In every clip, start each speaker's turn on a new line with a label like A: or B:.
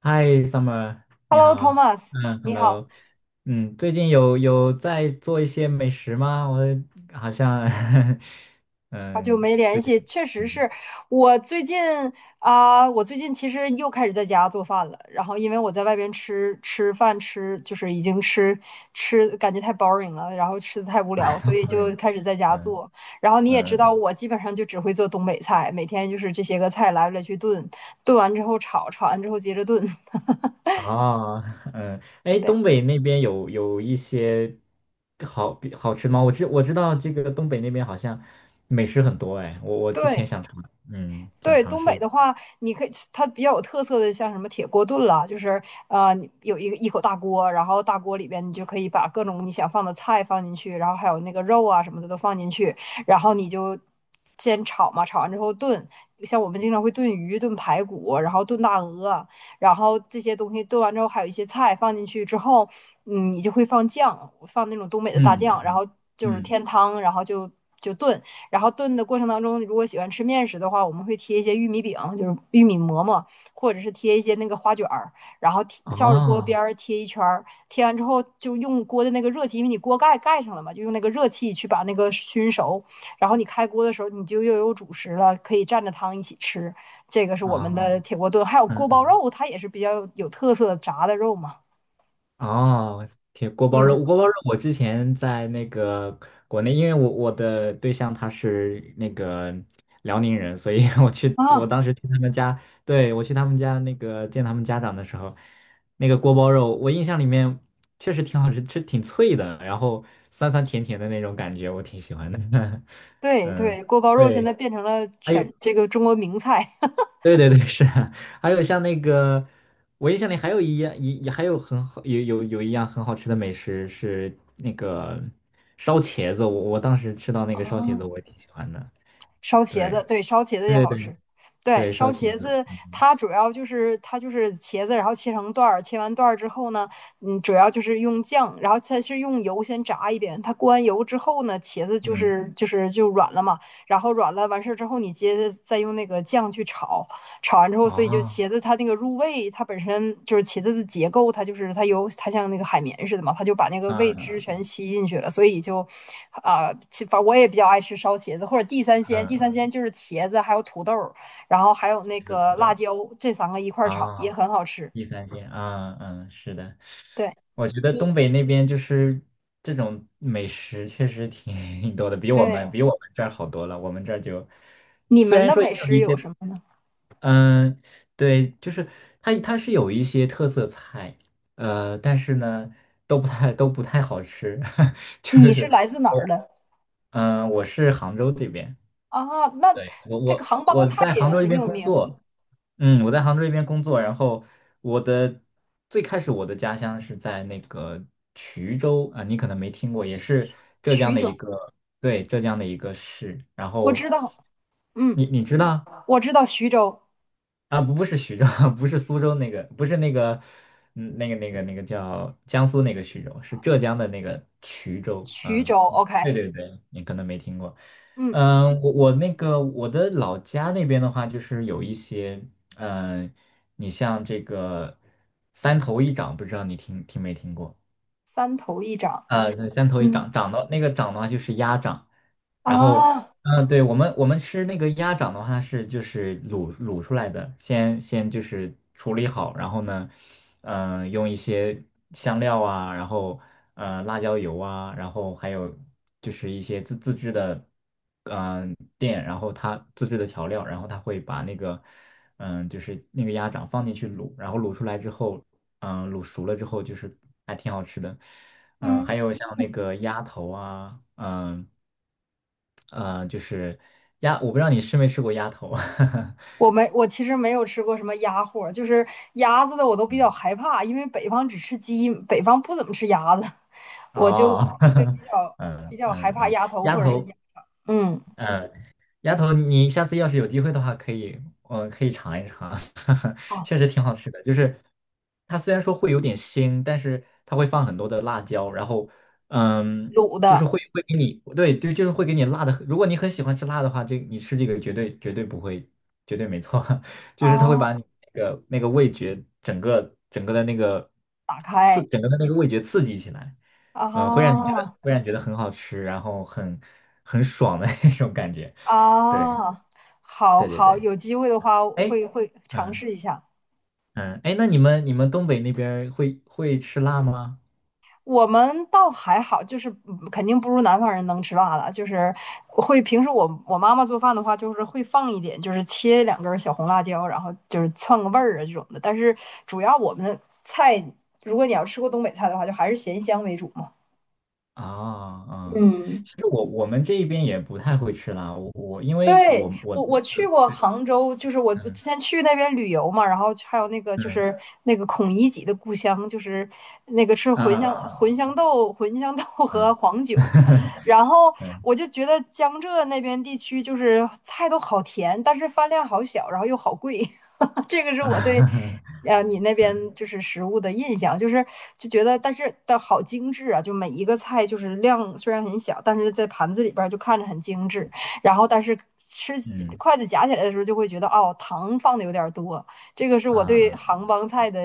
A: 嗨，Summer，你
B: Hello,
A: 好。
B: Thomas，
A: 嗯
B: 你好，
A: ，Hello。嗯，最近有在做一些美食吗？我好像，
B: 好久
A: 嗯，
B: 没联
A: 最近，
B: 系，确实
A: 嗯，
B: 是我最近其实又开始在家做饭了。然后因为我在外边吃饭，就是已经吃，感觉太 boring 了，然后吃的太无
A: 哎，
B: 聊，所以
A: 好
B: 就
A: 远。
B: 开始在家
A: 嗯
B: 做。然后你也知道，
A: 嗯。
B: 我基本上就只会做东北菜，每天就是这些个菜来来去炖，炖完之后炒，炒完之后接着炖。
A: 哦，嗯。哎，
B: 对
A: 东北那边有一些好好吃吗？我知道这个东北那边好像美食很多。哎，我之前
B: 对，
A: 想尝，嗯，想
B: 对，
A: 尝
B: 东
A: 试
B: 北
A: 一，
B: 的话，你可以吃它比较有特色的，像什么铁锅炖啦，就是你有一个一口大锅，然后大锅里边你就可以把各种你想放的菜放进去，然后还有那个肉啊什么的都放进去，然后你就先炒嘛，炒完之后炖。像我们经常会炖鱼、炖排骨，然后炖大鹅，然后这些东西炖完之后，还有一些菜放进去之后，嗯你就会放酱，放那种东北的大
A: 嗯
B: 酱，然后就是
A: 嗯。
B: 添汤，然后就炖，然后炖的过程当中，如果喜欢吃面食的话，我们会贴一些玉米饼，就是玉米馍馍，或者是贴一些那个花卷儿，然后贴照着锅
A: 哦
B: 边儿贴一圈儿，贴完之后就用锅的那个热气，因为你锅盖盖上了嘛，就用那个热气去把那个熏熟。然后你开锅的时候，你就又有主食了，可以蘸着汤一起吃。这个是我们的
A: 哦。
B: 铁锅炖，还有锅包
A: 嗯。
B: 肉，它也是比较有特色炸的肉嘛。
A: 哦，铁锅包
B: 嗯，
A: 肉，锅包肉。我之前在那个国内，因为我的对象他是那个辽宁人，所以 我
B: 啊，
A: 当时去他们家。对，我去他们家那个见他们家长的时候，那个锅包肉，我印象里面确实挺好吃，吃挺脆的，然后酸酸甜甜的那种感觉，我挺喜欢的。
B: 对
A: 嗯，
B: 对，锅包肉现
A: 对，
B: 在变成了
A: 还有。
B: 全这个中国名菜。
A: 对对对，是啊。还有像那个，我印象里还有一样，也还有很好，有一样很好吃的美食是那个烧茄子，我当时吃到那个烧茄子，我
B: 啊。
A: 也挺喜欢的。
B: 烧茄
A: 对
B: 子，对，烧茄子也
A: 对
B: 好
A: 对
B: 吃。对，
A: 对，
B: 烧
A: 烧茄
B: 茄
A: 子。
B: 子
A: 嗯
B: 它就是茄子，然后切成段儿，切完段儿之后呢，嗯，主要就是用酱，然后它是用油先炸一遍，它过完油之后呢，茄子
A: 嗯，
B: 就软了嘛，然后软了完事儿之后，你接着再用那个酱去炒，炒完之后，所以就
A: 哦，
B: 茄子它那个入味，它本身就是茄子的结构，它就是它有它像那个海绵似的嘛，它就把那个味
A: 嗯
B: 汁全
A: 嗯
B: 吸进去了，所以就反正我也比较爱吃烧茄子或者地三鲜，地三
A: 嗯，
B: 鲜就是茄子还有土豆，然后还有那
A: 这个
B: 个
A: 土
B: 辣
A: 豆
B: 椒这三个一块儿炒也
A: 啊，
B: 很好吃。
A: 第三天，啊嗯，是的。
B: 对，
A: 我觉得
B: 你
A: 东北那边就是这种美食确实挺 多的，比我
B: 对
A: 们比我们这儿好多了，我们这儿就
B: 你
A: 虽
B: 们
A: 然
B: 的
A: 说也
B: 美
A: 有
B: 食
A: 一
B: 有
A: 些。
B: 什么呢？
A: 嗯，对，就是它是有一些特色菜，但是呢，都不太好吃，就
B: 你是
A: 是。
B: 来自哪儿的
A: 嗯，我是杭州这边。
B: 啊？那
A: 对，我
B: 这个
A: 我
B: 杭帮
A: 我
B: 菜
A: 在杭
B: 也
A: 州这
B: 很
A: 边
B: 有
A: 工
B: 名，
A: 作。嗯，我在杭州这边工作，然后我的最开始我的家乡是在那个衢州啊，你可能没听过，也是浙江
B: 徐
A: 的一
B: 州，
A: 个，对，浙江的一个市，然
B: 我
A: 后
B: 知道，嗯，
A: 你知道？
B: 我知道徐州。
A: 啊，不是徐州，不是苏州那个，不是那个。嗯，那个叫江苏那个徐州，是浙江的那个衢州。
B: 衢
A: 嗯，
B: 州
A: 嗯
B: ，OK，
A: 对对对，你可能没听过。
B: 嗯，
A: 嗯，我那个我的老家那边的话，就是有一些。嗯，你像这个三头一掌，不知道你听没听过？
B: 三头一掌，
A: 啊，对，三头一
B: 嗯
A: 掌，掌的那个掌的话就是鸭掌。然后，
B: 啊，
A: 嗯，对，我们吃那个鸭掌的话，它是就是卤出来的，先就是处理好，然后呢，用一些香料啊，然后辣椒油啊，然后还有就是一些自制的，嗯、店，然后它自制的调料，然后它会把那个，就是那个鸭掌放进去卤，然后卤出来之后，卤熟了之后就是还挺好吃的。嗯，还
B: 嗯，
A: 有像那个鸭头啊，就是鸭，我不知道你吃没吃过鸭头。
B: 我其实没有吃过什么鸭货，就是鸭子的我都比较害怕，因为北方只吃鸡，北方不怎么吃鸭子，我就
A: 哦，
B: 对 比较比
A: 嗯
B: 较害
A: 嗯
B: 怕
A: 嗯，
B: 鸭头
A: 鸭
B: 或者是鸭，
A: 头，
B: 嗯，
A: 嗯丫头，你下次要是有机会的话，可以尝一尝，
B: 好，
A: 确实挺好吃的。就是它虽然说会有点腥，但是它会放很多的辣椒，然后，嗯，
B: 卤
A: 就是
B: 的
A: 会给你。对对，就是会给你辣的。如果你很喜欢吃辣的话，这你吃这个绝对绝对不会，绝对没错。就是它会把
B: 啊，
A: 你那个味觉整个整个的那个
B: 打
A: 刺，
B: 开
A: 整个的那个味觉刺激起来。嗯，
B: 啊
A: 会让你觉得很好吃，然后很爽的 那种感觉。对
B: 啊，好
A: 对对
B: 好，
A: 对，
B: 有机会的话会
A: 哎，
B: 会尝
A: 嗯
B: 试一下。
A: 嗯。哎，那你们东北那边儿会吃辣吗？
B: 我们倒还好，就是嗯肯定不如南方人能吃辣了。就是会平时我妈妈做饭的话，就是会放一点，就是切两根儿小红辣椒，然后就是窜个味儿啊这种的。但是主要我们的菜，如果你要吃过东北菜的话，就还是咸香为主嘛。
A: 啊、啊，
B: 嗯。
A: 其实我们这一边也不太会吃辣，我因为
B: 对，
A: 我
B: 我
A: 的
B: 我去
A: 对
B: 过
A: 对
B: 杭州，就是我之
A: 嗯
B: 前去那边旅游嘛，然后还有那个就
A: 嗯
B: 是那个孔乙己的故乡，就是那个吃
A: 啊啊
B: 茴香豆
A: 啊
B: 和黄酒，然后
A: 啊
B: 我就觉得江浙那边地区就是菜都好甜，但是饭量好小，然后又好贵，这个是
A: 啊嗯 嗯啊
B: 你那边就是食物的印象，就是就觉得，但是但好精致啊，就每一个菜就是量虽然很小，但是在盘子里边儿就看着很精致，然后但是吃
A: 嗯
B: 筷子夹起来的时候就会觉得哦，糖放的有点儿多，这个是我对
A: 啊嗯
B: 杭帮菜的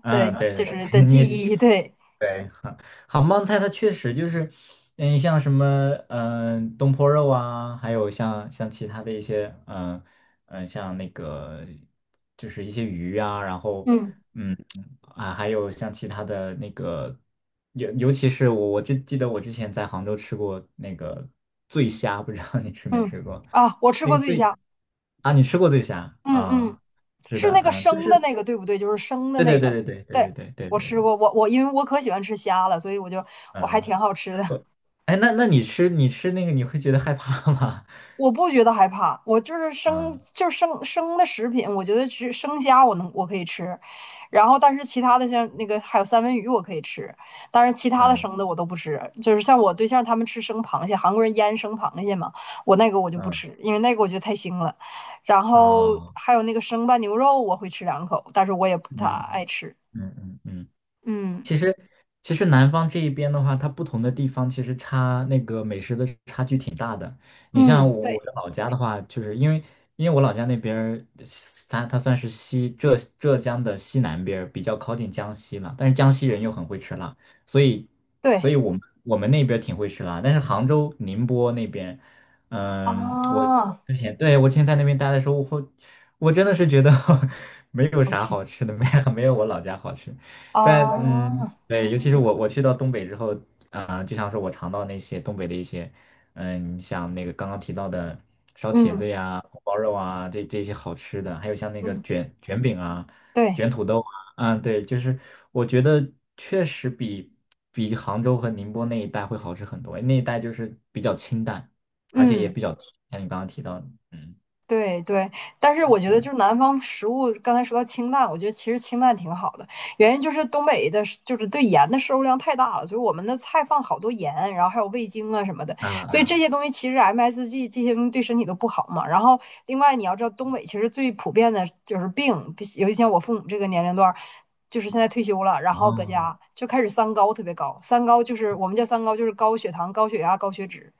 A: 啊，嗯，
B: 的，
A: 对
B: 就
A: 对
B: 是的
A: 对。
B: 记
A: 你
B: 忆，对，
A: 对，杭帮菜它确实就是。嗯，像什么，东坡肉啊，还有像其他的一些，嗯、嗯、像那个就是一些鱼啊，然后，
B: 嗯
A: 嗯啊。还有像其他的那个，尤其是我就记得我之前在杭州吃过那个醉虾，不知道你吃没
B: 嗯
A: 吃过？
B: 啊，我吃
A: 那
B: 过
A: 个
B: 醉
A: 醉
B: 虾，
A: 啊，你吃过醉虾
B: 嗯嗯。
A: 啊？是
B: 是
A: 的，
B: 那个
A: 嗯、就
B: 生的
A: 是
B: 那个对不对？就是生的
A: 对
B: 那
A: 对
B: 个，
A: 对对对对
B: 对，
A: 对对对
B: 我
A: 对
B: 吃
A: 对，
B: 过，我因为我可喜欢吃虾了，所以我还
A: 嗯。
B: 挺好吃的，
A: 我哎，那你吃那个，你会觉得害怕吗？
B: 我不觉得害怕，我就是
A: 嗯
B: 生生的食品，我觉得吃生虾我可以吃，然后但是其他的像那个还有三文鱼我可以吃，但是其他的
A: 嗯
B: 生的我都不吃，就是像我对象他们吃生螃蟹，韩国人腌生螃蟹嘛，我那个我就不
A: 嗯，
B: 吃，因为那个我觉得太腥了，然
A: 啊，
B: 后还有那个生拌牛肉我会吃两口，但是我也不太
A: 嗯
B: 爱吃，
A: 嗯嗯嗯。
B: 嗯。
A: 其实，其实南方这一边的话，它不同的地方其实差那个美食的差距挺大的。你
B: 嗯，
A: 像我
B: 对
A: 的老家的话，就是因为我老家那边儿，它算是浙江的西南边儿，比较靠近江西了。但是江西人又很会吃辣，所以所
B: 对
A: 以我们那边儿挺会吃辣。但是杭州、宁波那边，嗯，我
B: 啊，
A: 之前对，我之前在那边待的时候，我真的是觉得 没有
B: 我
A: 啥
B: 天
A: 好吃的，没有我老家好吃。
B: 啊，
A: 嗯，对，尤其是我去到东北之后。啊、就像是我尝到那些东北的一些。嗯，你像那个刚刚提到的烧茄
B: 嗯
A: 子呀、红包肉啊，这些好吃的，还有像那个
B: 嗯，
A: 卷饼啊、
B: 对，
A: 卷土豆啊。啊，对，就是我觉得确实比杭州和宁波那一带会好吃很多，那一带就是比较清淡，而且也
B: 嗯。
A: 比较甜。像你刚刚提到的嗯，
B: 对对，但是我觉
A: 是
B: 得
A: 的，
B: 就是南方食物，刚才说到清淡，我觉得其实清淡挺好的，原因就是东北就是对盐的摄入量太大了，所以我们的菜放好多盐，然后还有味精啊什么的，
A: 啊
B: 所以这
A: 啊，
B: 些东西其实 MSG 这些东西对身体都不好嘛。然后另外你要知道，东北其实最普遍的就是病，尤其像我父母这个年龄段儿，就是现在退休了，然后搁
A: 哦，
B: 家就开始三高特别高，三高就是我们叫三高，就是高血糖、高血压、高血脂。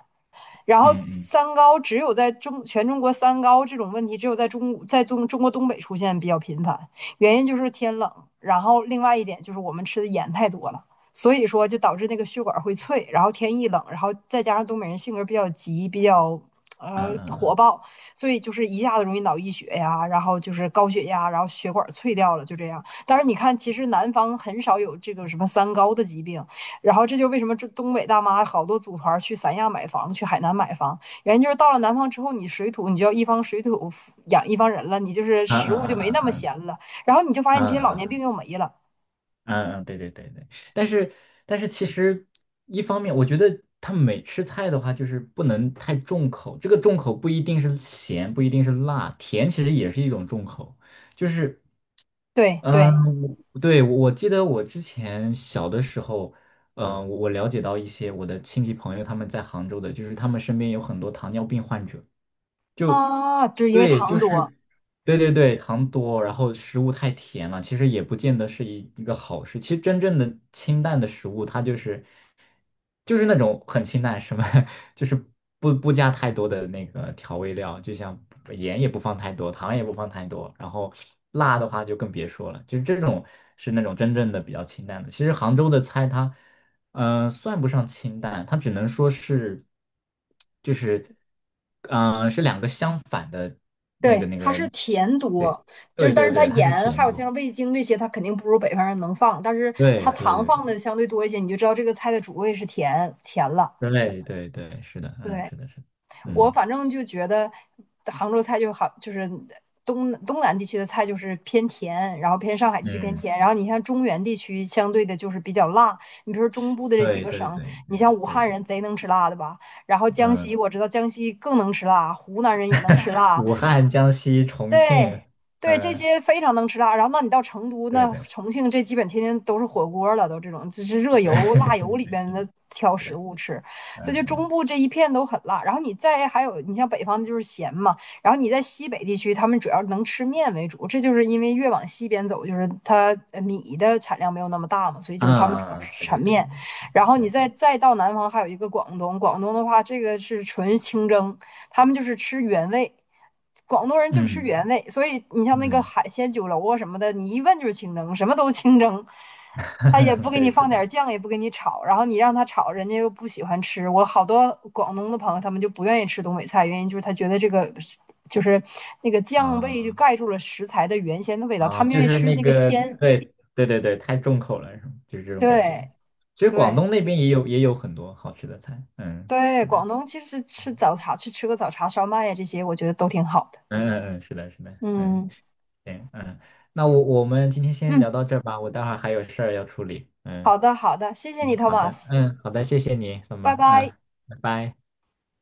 B: 然后
A: 嗯嗯
B: 三高只有全中国三高这种问题，只有在中在东中国东北出现比较频繁，原因就是天冷，然后另外一点就是我们吃的盐太多了，所以说就导致那个血管会脆，然后天一冷，然后再加上东北人性格比较急，比较
A: 嗯嗯
B: 火
A: 嗯
B: 爆，所以就是一下子容易脑溢血呀，然后就是高血压，然后血管脆掉了，就这样。但是你看，其实南方很少有这个什么三高的疾病，然后这就为什么这东北大妈好多组团去三亚买房，去海南买房，原因就是到了南方之后，你水土你就要一方水土养一方人了，你就是
A: 嗯
B: 食
A: 嗯
B: 物就
A: 嗯
B: 没
A: 嗯
B: 那么
A: 嗯嗯。
B: 咸了，然后你就发现你这
A: 嗯
B: 些老年
A: 嗯
B: 病又没了。
A: 嗯嗯，对对对对。但是其实一方面，我觉得他每吃菜的话，就是不能太重口。这个重口不一定是咸，不一定是辣，甜其实也是一种重口。就是
B: 对
A: 嗯，
B: 对
A: 对，我记得我之前小的时候，嗯，我了解到一些我的亲戚朋友他们在杭州的，就是他们身边有很多糖尿病患者，就。
B: 啊，就是因为
A: 对，
B: 糖
A: 就
B: 多，
A: 是，对对对，糖多，然后食物太甜了，其实也不见得是一个好事。其实真正的清淡的食物，它就是那种很清淡，什么 就是不加太多的那个调味料，就像盐也不放太多，糖也不放太多，然后辣的话就更别说了。就是这种是那种真正的比较清淡的。其实杭州的菜它。嗯、算不上清淡，它只能说是，就是，嗯、是两个相反的
B: 对，
A: 那
B: 它
A: 个。
B: 是甜
A: 对，
B: 多，就
A: 对
B: 是但
A: 对
B: 是它
A: 对，它是
B: 盐还
A: 甜
B: 有
A: 度。
B: 像味精这些，它肯定不如北方人能放，但是它
A: 对对
B: 糖
A: 对
B: 放的相对多一些，你就知道这个菜的主味是甜甜了。
A: 对对对对，是的，嗯，
B: 对，
A: 是的，是的。
B: 我
A: 嗯
B: 反正就觉得杭州菜就好，就是东南地区的菜就是偏甜，然后偏上海地区偏
A: 嗯，
B: 甜，然后你像中原地区相对的就是比较辣。你比如说中部的这几
A: 对
B: 个
A: 对
B: 省，
A: 对
B: 你
A: 对
B: 像武
A: 对对，
B: 汉人贼能吃辣的吧，然后江西
A: 嗯。
B: 我知道江西更能吃辣，湖南人也能吃 辣，
A: 武汉、江西、重
B: 对
A: 庆，
B: 对，这
A: 嗯、
B: 些非常能吃辣。然后，那你到成都，那
A: 对对
B: 重庆这基本天天都是火锅了，都这种这是热
A: 对
B: 油、
A: 对对
B: 辣
A: 对，
B: 油里边
A: 是的。
B: 的挑食物吃，所以就
A: 嗯
B: 中
A: 嗯
B: 部这一片都很辣。然后你再还有，你像北方就是咸嘛，然后你在西北地区，他们主要能吃面为主，这就是因为越往西边走，就是它米的产量没有那么大嘛，所以就
A: 嗯嗯，
B: 是他们主要
A: 啊
B: 是
A: 对
B: 产
A: 对
B: 面。然后你
A: 对
B: 再
A: 对。
B: 再到南方，还有一个广东，广东的话，这个是纯清蒸，他们就是吃原味，广东人就吃
A: 嗯
B: 原味，所以你像那个
A: 嗯，
B: 海鲜酒楼啊什么的，你一问就是清蒸，什么都清蒸，他也不 给你
A: 对，是
B: 放
A: 的。
B: 点酱，也不给你炒，然后你让他炒，人家又不喜欢吃。我好多广东的朋友，他们就不愿意吃东北菜，原因就是他觉得这个就是那个酱味就
A: 啊、
B: 盖住了食材的原先的味道，他
A: 啊，
B: 们
A: 就
B: 愿意
A: 是
B: 吃
A: 那
B: 那个
A: 个，
B: 鲜。
A: 对对对对，太重口了，是吗？就是这种感觉。
B: 对
A: 其实广
B: 对
A: 东那边也有很多好吃的菜。嗯，
B: 对，
A: 是的，嗯
B: 广东其实吃早茶，去吃个早茶烧麦呀，这些我觉得都挺好的。
A: 嗯嗯，是的，是的，嗯，
B: 嗯
A: 行，嗯，那我们今天先聊
B: 嗯。
A: 到这儿吧，我待会儿还有事儿要处理。嗯
B: 好的，好的，谢谢你
A: 嗯，好的，
B: ，Thomas，
A: 嗯好的，谢谢你，怎
B: 拜
A: 么，
B: 拜。
A: 嗯，拜拜。